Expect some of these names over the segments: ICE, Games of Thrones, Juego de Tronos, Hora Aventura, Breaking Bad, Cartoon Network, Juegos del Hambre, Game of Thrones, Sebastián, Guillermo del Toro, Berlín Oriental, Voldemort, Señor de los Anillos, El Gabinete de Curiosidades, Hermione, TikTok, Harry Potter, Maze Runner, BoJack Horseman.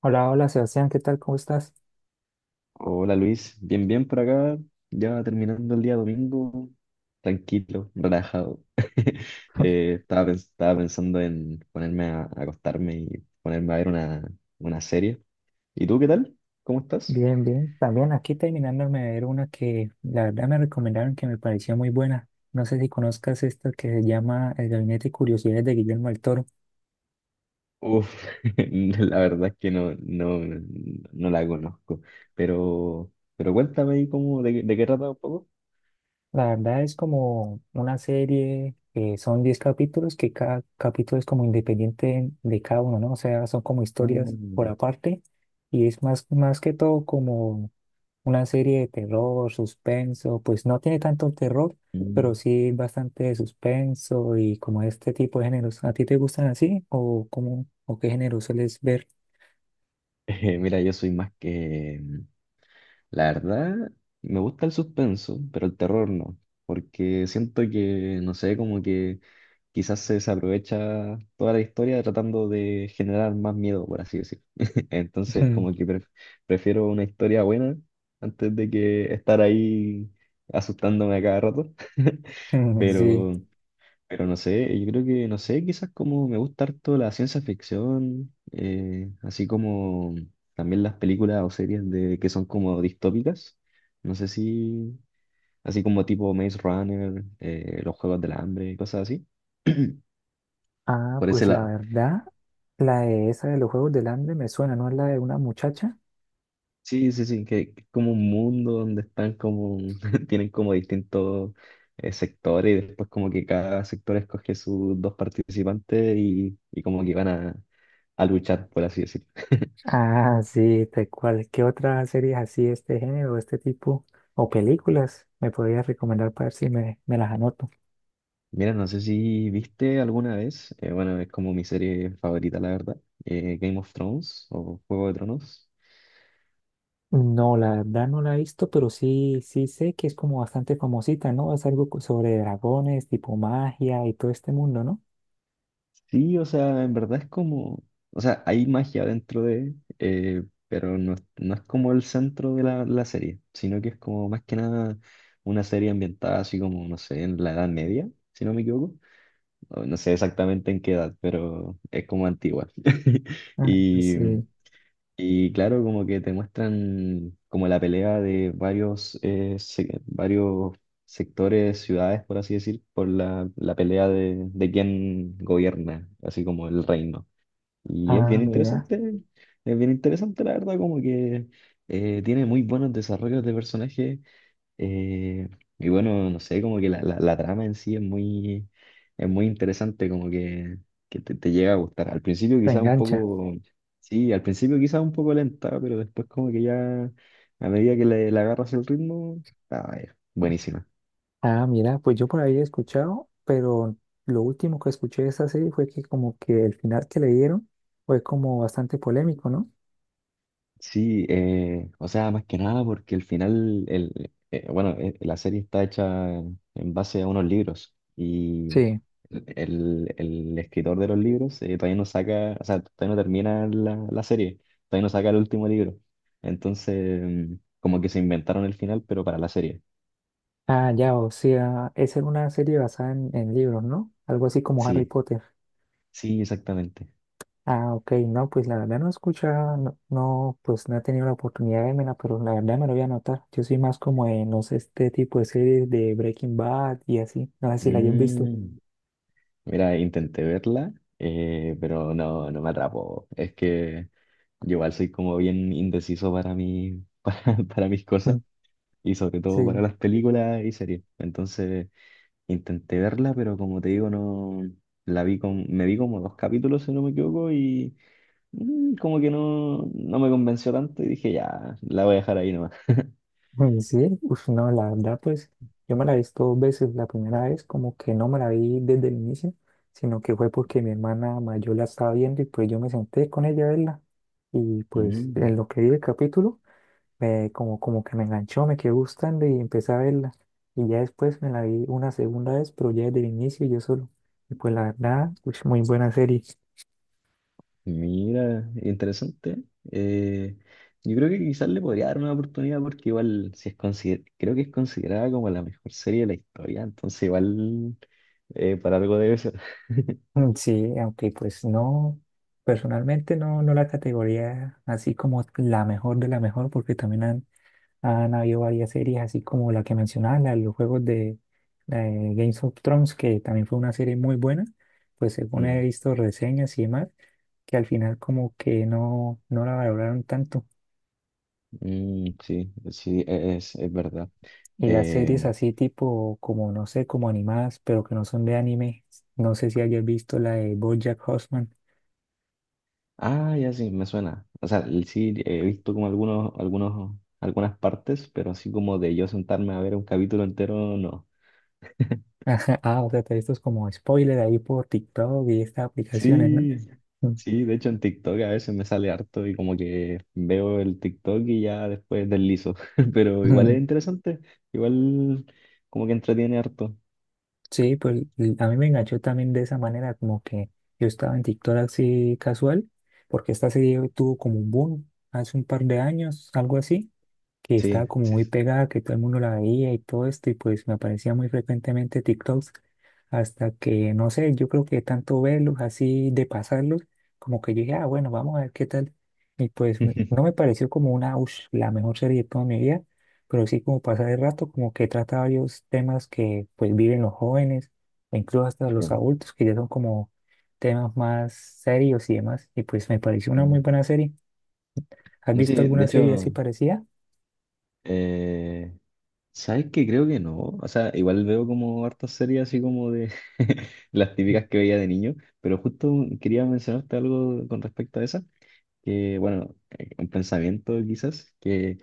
Hola, hola Sebastián, ¿qué tal? ¿Cómo estás? Hola Luis, bien, bien por acá, ya terminando el día domingo, tranquilo, relajado. Estaba pensando en ponerme a acostarme y ponerme a ver una serie. ¿Y tú qué tal? ¿Cómo estás? Bien, bien. También aquí terminándome de ver una que la verdad me recomendaron que me pareció muy buena. No sé si conozcas esta que se llama El Gabinete de Curiosidades de Guillermo del Toro. Uf, la verdad es que no, no la conozco, pero cuéntame ahí cómo, de qué trata un poco. La verdad es como una serie que son 10 capítulos, que cada capítulo es como independiente de cada uno, ¿no? O sea, son como historias por Mm. aparte y es más que todo como una serie de terror, suspenso, pues no tiene tanto terror, pero Mm. sí bastante de suspenso y como este tipo de géneros. ¿A ti te gustan así o cómo o qué género sueles ver? Mira, yo soy más que, La verdad, me gusta el suspenso, pero el terror no, porque siento que, no sé, como que quizás se desaprovecha toda la historia tratando de generar más miedo, por así decir. Entonces, como que prefiero una historia buena antes de que estar ahí asustándome a cada rato. Sí. Pero pero no sé, yo creo que, no sé, quizás como me gusta harto la ciencia ficción, así como también las películas o series que son como distópicas. No sé si, Así como tipo Maze Runner, los Juegos del Hambre, cosas así. Ah, Por ese pues la lado. verdad, la de esa de los Juegos del Hambre me suena, ¿no es la de una muchacha? Sí, sí, sí, que es como un mundo donde están como, tienen como distintos sectores y después como que cada sector escoge sus dos participantes y como que van a luchar, por así decirlo. Ah, sí, tal cual. ¿Qué otra serie así de este género, de este tipo o películas me podrías recomendar para ver si me las anoto? Mira, no sé si viste alguna vez, bueno, es como mi serie favorita, la verdad, Game of Thrones o Juego de Tronos. No, la verdad no la he visto, pero sí, sí sé que es como bastante famosita, ¿no? Es algo co- sobre dragones, tipo magia y todo este mundo, ¿no? Sí, o sea, en verdad es como, o sea, hay magia dentro de, eh, pero no, no es como el centro de la serie, sino que es como más que nada una serie ambientada así como, no sé, en la Edad Media, si no me equivoco. O no sé exactamente en qué edad, pero es como antigua. Ah, Y sí. Y claro, como que te muestran como la pelea de varios, varios sectores, ciudades, por así decir, por la pelea de quién gobierna, así como el reino. Y Ah, mira. Es bien interesante la verdad, como que tiene muy buenos desarrollos de personajes, eh, y bueno, no sé, como que la trama en sí es muy interesante, como que te llega a gustar. Al principio Te quizás un engancha. poco, sí, al principio quizás un poco lenta, pero después como que ya, a medida que le agarras el ritmo, ah, es buenísima. Ah, mira, pues yo por ahí he escuchado, pero lo último que escuché de esa serie fue que como que el final que le dieron fue como bastante polémico, ¿no? Sí, o sea, más que nada porque el final, la serie está hecha en base a unos libros y Sí. El escritor de los libros todavía no saca, o sea, todavía no termina la serie, todavía no saca el último libro. Entonces, como que se inventaron el final, pero para la serie. Ah, ya, o sea, es en una serie basada en libros, ¿no? Algo así como Harry Sí, Potter. sí, exactamente. Ah, ok, no, pues la verdad no escucha, no, no, pues no he tenido la oportunidad de verla, pero la verdad me lo voy a anotar. Yo soy más como de, no sé, este tipo de series de Breaking Bad y así, no sé si la hayas visto. Mira, intenté verla, pero no, no me atrapó. Es que yo igual soy como bien indeciso para mi, para mis cosas Mm, y sobre todo para sí, las películas y series. Entonces intenté verla, pero como te digo, no la vi con, me vi como dos capítulos, si no me equivoco, y como que no, no me convenció tanto y dije, ya, la voy a dejar ahí nomás. Sí, uf, no, la verdad, pues yo me la he visto dos veces. La primera vez como que no me la vi desde el inicio, sino que fue porque mi hermana mayor la estaba viendo y pues yo me senté con ella a verla. Y pues Mm. en lo que vi el capítulo me- como, como que me enganchó, me quedó gustando y empecé a verla. Y ya después me la vi una segunda vez, pero ya desde el inicio yo solo. Y pues la verdad, pues muy buena serie. Mira, interesante. Eh, yo creo que quizás le podría dar una oportunidad porque igual si es creo que es considerada como la mejor serie de la historia, entonces igual, para algo debe ser. Mm, sí, aunque pues no, personalmente no, no la categoría así como la mejor de la mejor, porque también han habido varias series, así como la que mencionaba, la de los juegos de, Games of Thrones, que también fue una serie muy buena, pues según Mm, he visto reseñas y demás, que al final como que no, no la valoraron tanto. Sí, sí, es verdad. Y las series Eh, así tipo, como no sé, como animadas, pero que no son de anime. No sé si hayas visto la de BoJack Horseman. ah, ya sí, me suena. O sea, sí, he visto como algunos, algunas partes, pero así como de yo sentarme a ver un capítulo entero, no. Ah, o sea, te- esto es como spoiler ahí por TikTok y estas aplicaciones, ¿no? Sí, Mm. sí, de hecho en TikTok a veces me sale harto y como que veo el TikTok y ya después deslizo, pero igual es interesante, igual como que entretiene harto. Sí, pues l- a mí me enganchó también de esa manera, como que yo estaba en TikTok así casual, porque esta serie tuvo como un boom hace un par de años, algo así, que Sí, estaba como sí. muy pegada, que todo el mundo la veía y todo esto, y pues me aparecía muy frecuentemente TikToks, hasta que, no sé, yo creo que tanto verlos así de pasarlos, como que yo dije, ah, bueno, vamos a ver qué tal. Y pues me- no me pareció como una, ush, la mejor serie de toda mi vida, pero sí como pasar el rato, como que trata varios temas que pues viven los jóvenes, e incluso hasta los Pero, adultos, que ya son como temas más serios y demás, y pues me pareció una muy mm, buena serie. ¿Has no visto sé, de alguna serie así hecho, parecida? eh, ¿sabes qué? Creo que no. O sea, igual veo como hartas series así como de las típicas que veía de niño, pero justo quería mencionarte algo con respecto a esa, que bueno, un pensamiento quizás, que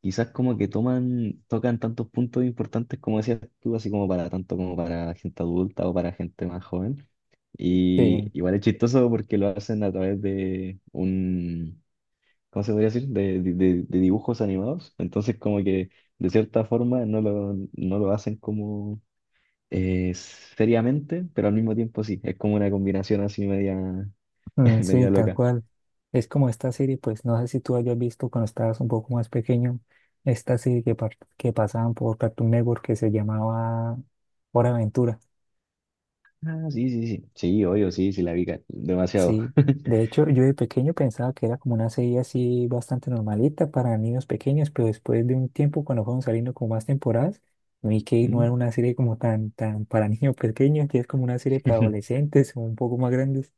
quizás como que tocan tantos puntos importantes como decías tú, así como para tanto como para gente adulta o para gente más joven. Y Sí. igual es chistoso porque lo hacen a través de un, ¿cómo se podría decir? De dibujos animados. Entonces como que de cierta forma no no lo hacen como seriamente, pero al mismo tiempo sí, es como una combinación así media, Mm, sí, media tal loca. cual. Es como esta serie, pues no sé si tú hayas visto cuando estabas un poco más pequeño, esta serie que pasaban por Cartoon Network que se llamaba Hora Aventura. Ah, sí, sí, sí, sí, obvio, sí, sí, la vi demasiado. Sí, de hecho yo de pequeño pensaba que era como una serie así bastante normalita para niños pequeños, pero después de un tiempo cuando fueron saliendo como más temporadas, vi que no era ¿Mm? una serie como tan para niños pequeños, que es como una serie para adolescentes o un poco más grandes.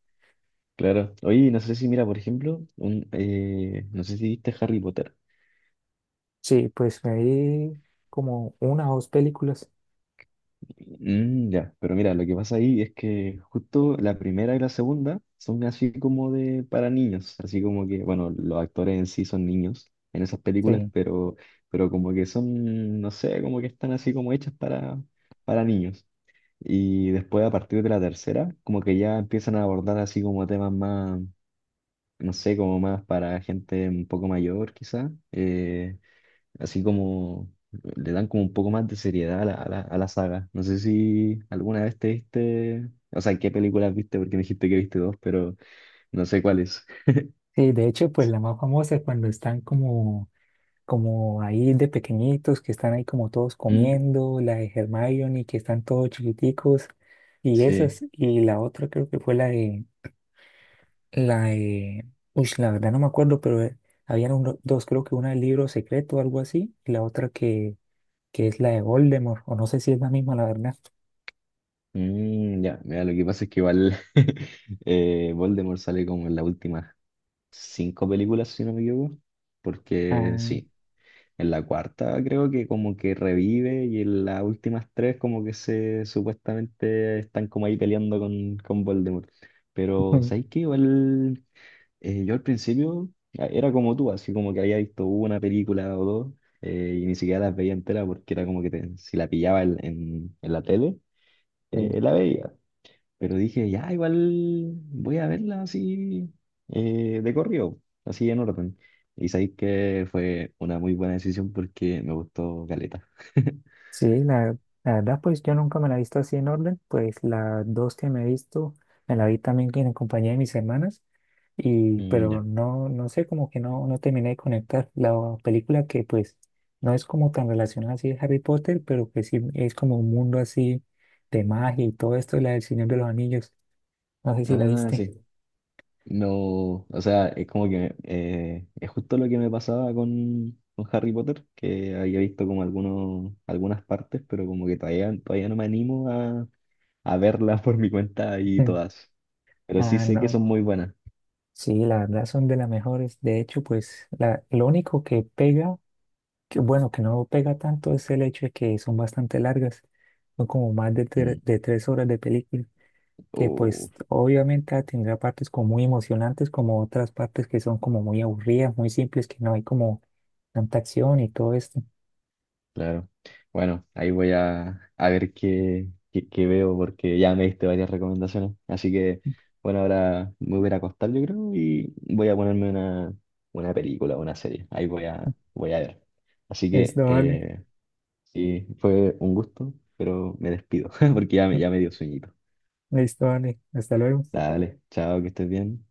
Claro. Oye, no sé si, mira, por ejemplo, un, no sé si viste Harry Potter. Sí, pues me vi como una o dos películas. Mm, ya, pero mira, lo que pasa ahí es que justo la primera y la segunda son así como de para niños, así como que, bueno, los actores en sí son niños en esas películas, Sí. Pero como que son, no sé, como que están así como hechas para niños. Y después a partir de la tercera, como que ya empiezan a abordar así como temas más, no sé, como más para gente un poco mayor quizá, así como le dan como un poco más de seriedad a a la saga. No sé si alguna vez te viste, o sea, qué películas viste, porque me dijiste que viste dos, pero no sé cuáles. Sí, de hecho, pues la más famosa es cuando están como, como ahí de pequeñitos, que están ahí como todos Mm, comiendo, la de Hermione, que están todos chiquiticos, y sí. esas, y la otra creo que fue la de uy, la verdad no me acuerdo, pero habían uno- dos, creo que una del libro secreto o algo así, y la otra que es la de Voldemort, o no sé si es la misma, la verdad. Mm, ya, mira, lo que pasa es que igual Voldemort sale como en las últimas cinco películas, si no me equivoco, porque Ah, sí, en la cuarta creo que como que revive y en las últimas tres como que se supuestamente están como ahí peleando con Voldemort. Pero ¿sabes qué? Igual, yo al principio era como tú, así como que había visto una película o dos, y ni siquiera las veía entera porque era como que si la pillaba en, en la tele, la veía. Pero dije, ya, igual voy a verla así, de corrido, así en orden. Y sabéis que fue una muy buena decisión porque me gustó Caleta. sí, la verdad, pues yo nunca me la he visto así en orden, pues las dos que me he visto, me la vi también en compañía de mis hermanas, y, Mm, ya. pero no, no sé, como que no, no terminé de conectar la película que pues no es como tan relacionada así de Harry Potter, pero que sí es como un mundo así de magia y todo esto, la del Señor de los Anillos, no sé si la Ah, viste. sí. No, o sea, es como que es justo lo que me pasaba con Harry Potter, que había visto como algunos, algunas partes, pero como que todavía, todavía no me animo a verlas por mi cuenta y todas. Pero sí Ah, sé que no, son muy buenas. sí, la verdad son de las mejores, de hecho, pues la, lo único que pega que bueno, que no pega tanto es el hecho de que son bastante largas, son como más de, tre- Mm. de 3 horas de película, que Oh, pues obviamente ah, tendrá partes como muy emocionantes, como otras partes que son como muy aburridas, muy simples, que no hay como tanta acción y todo esto. claro. Bueno, ahí voy a ver qué, qué, qué veo porque ya me diste varias recomendaciones. Así que, bueno, ahora me voy a ir a acostar, yo creo, y voy a ponerme una película, una serie. Ahí voy a, voy a ver. Así Listo, que, vale. Sí, fue un gusto, pero me despido porque ya, ya me dio sueñito. Listo, vale. Hasta luego. Dale, chao, que estés bien.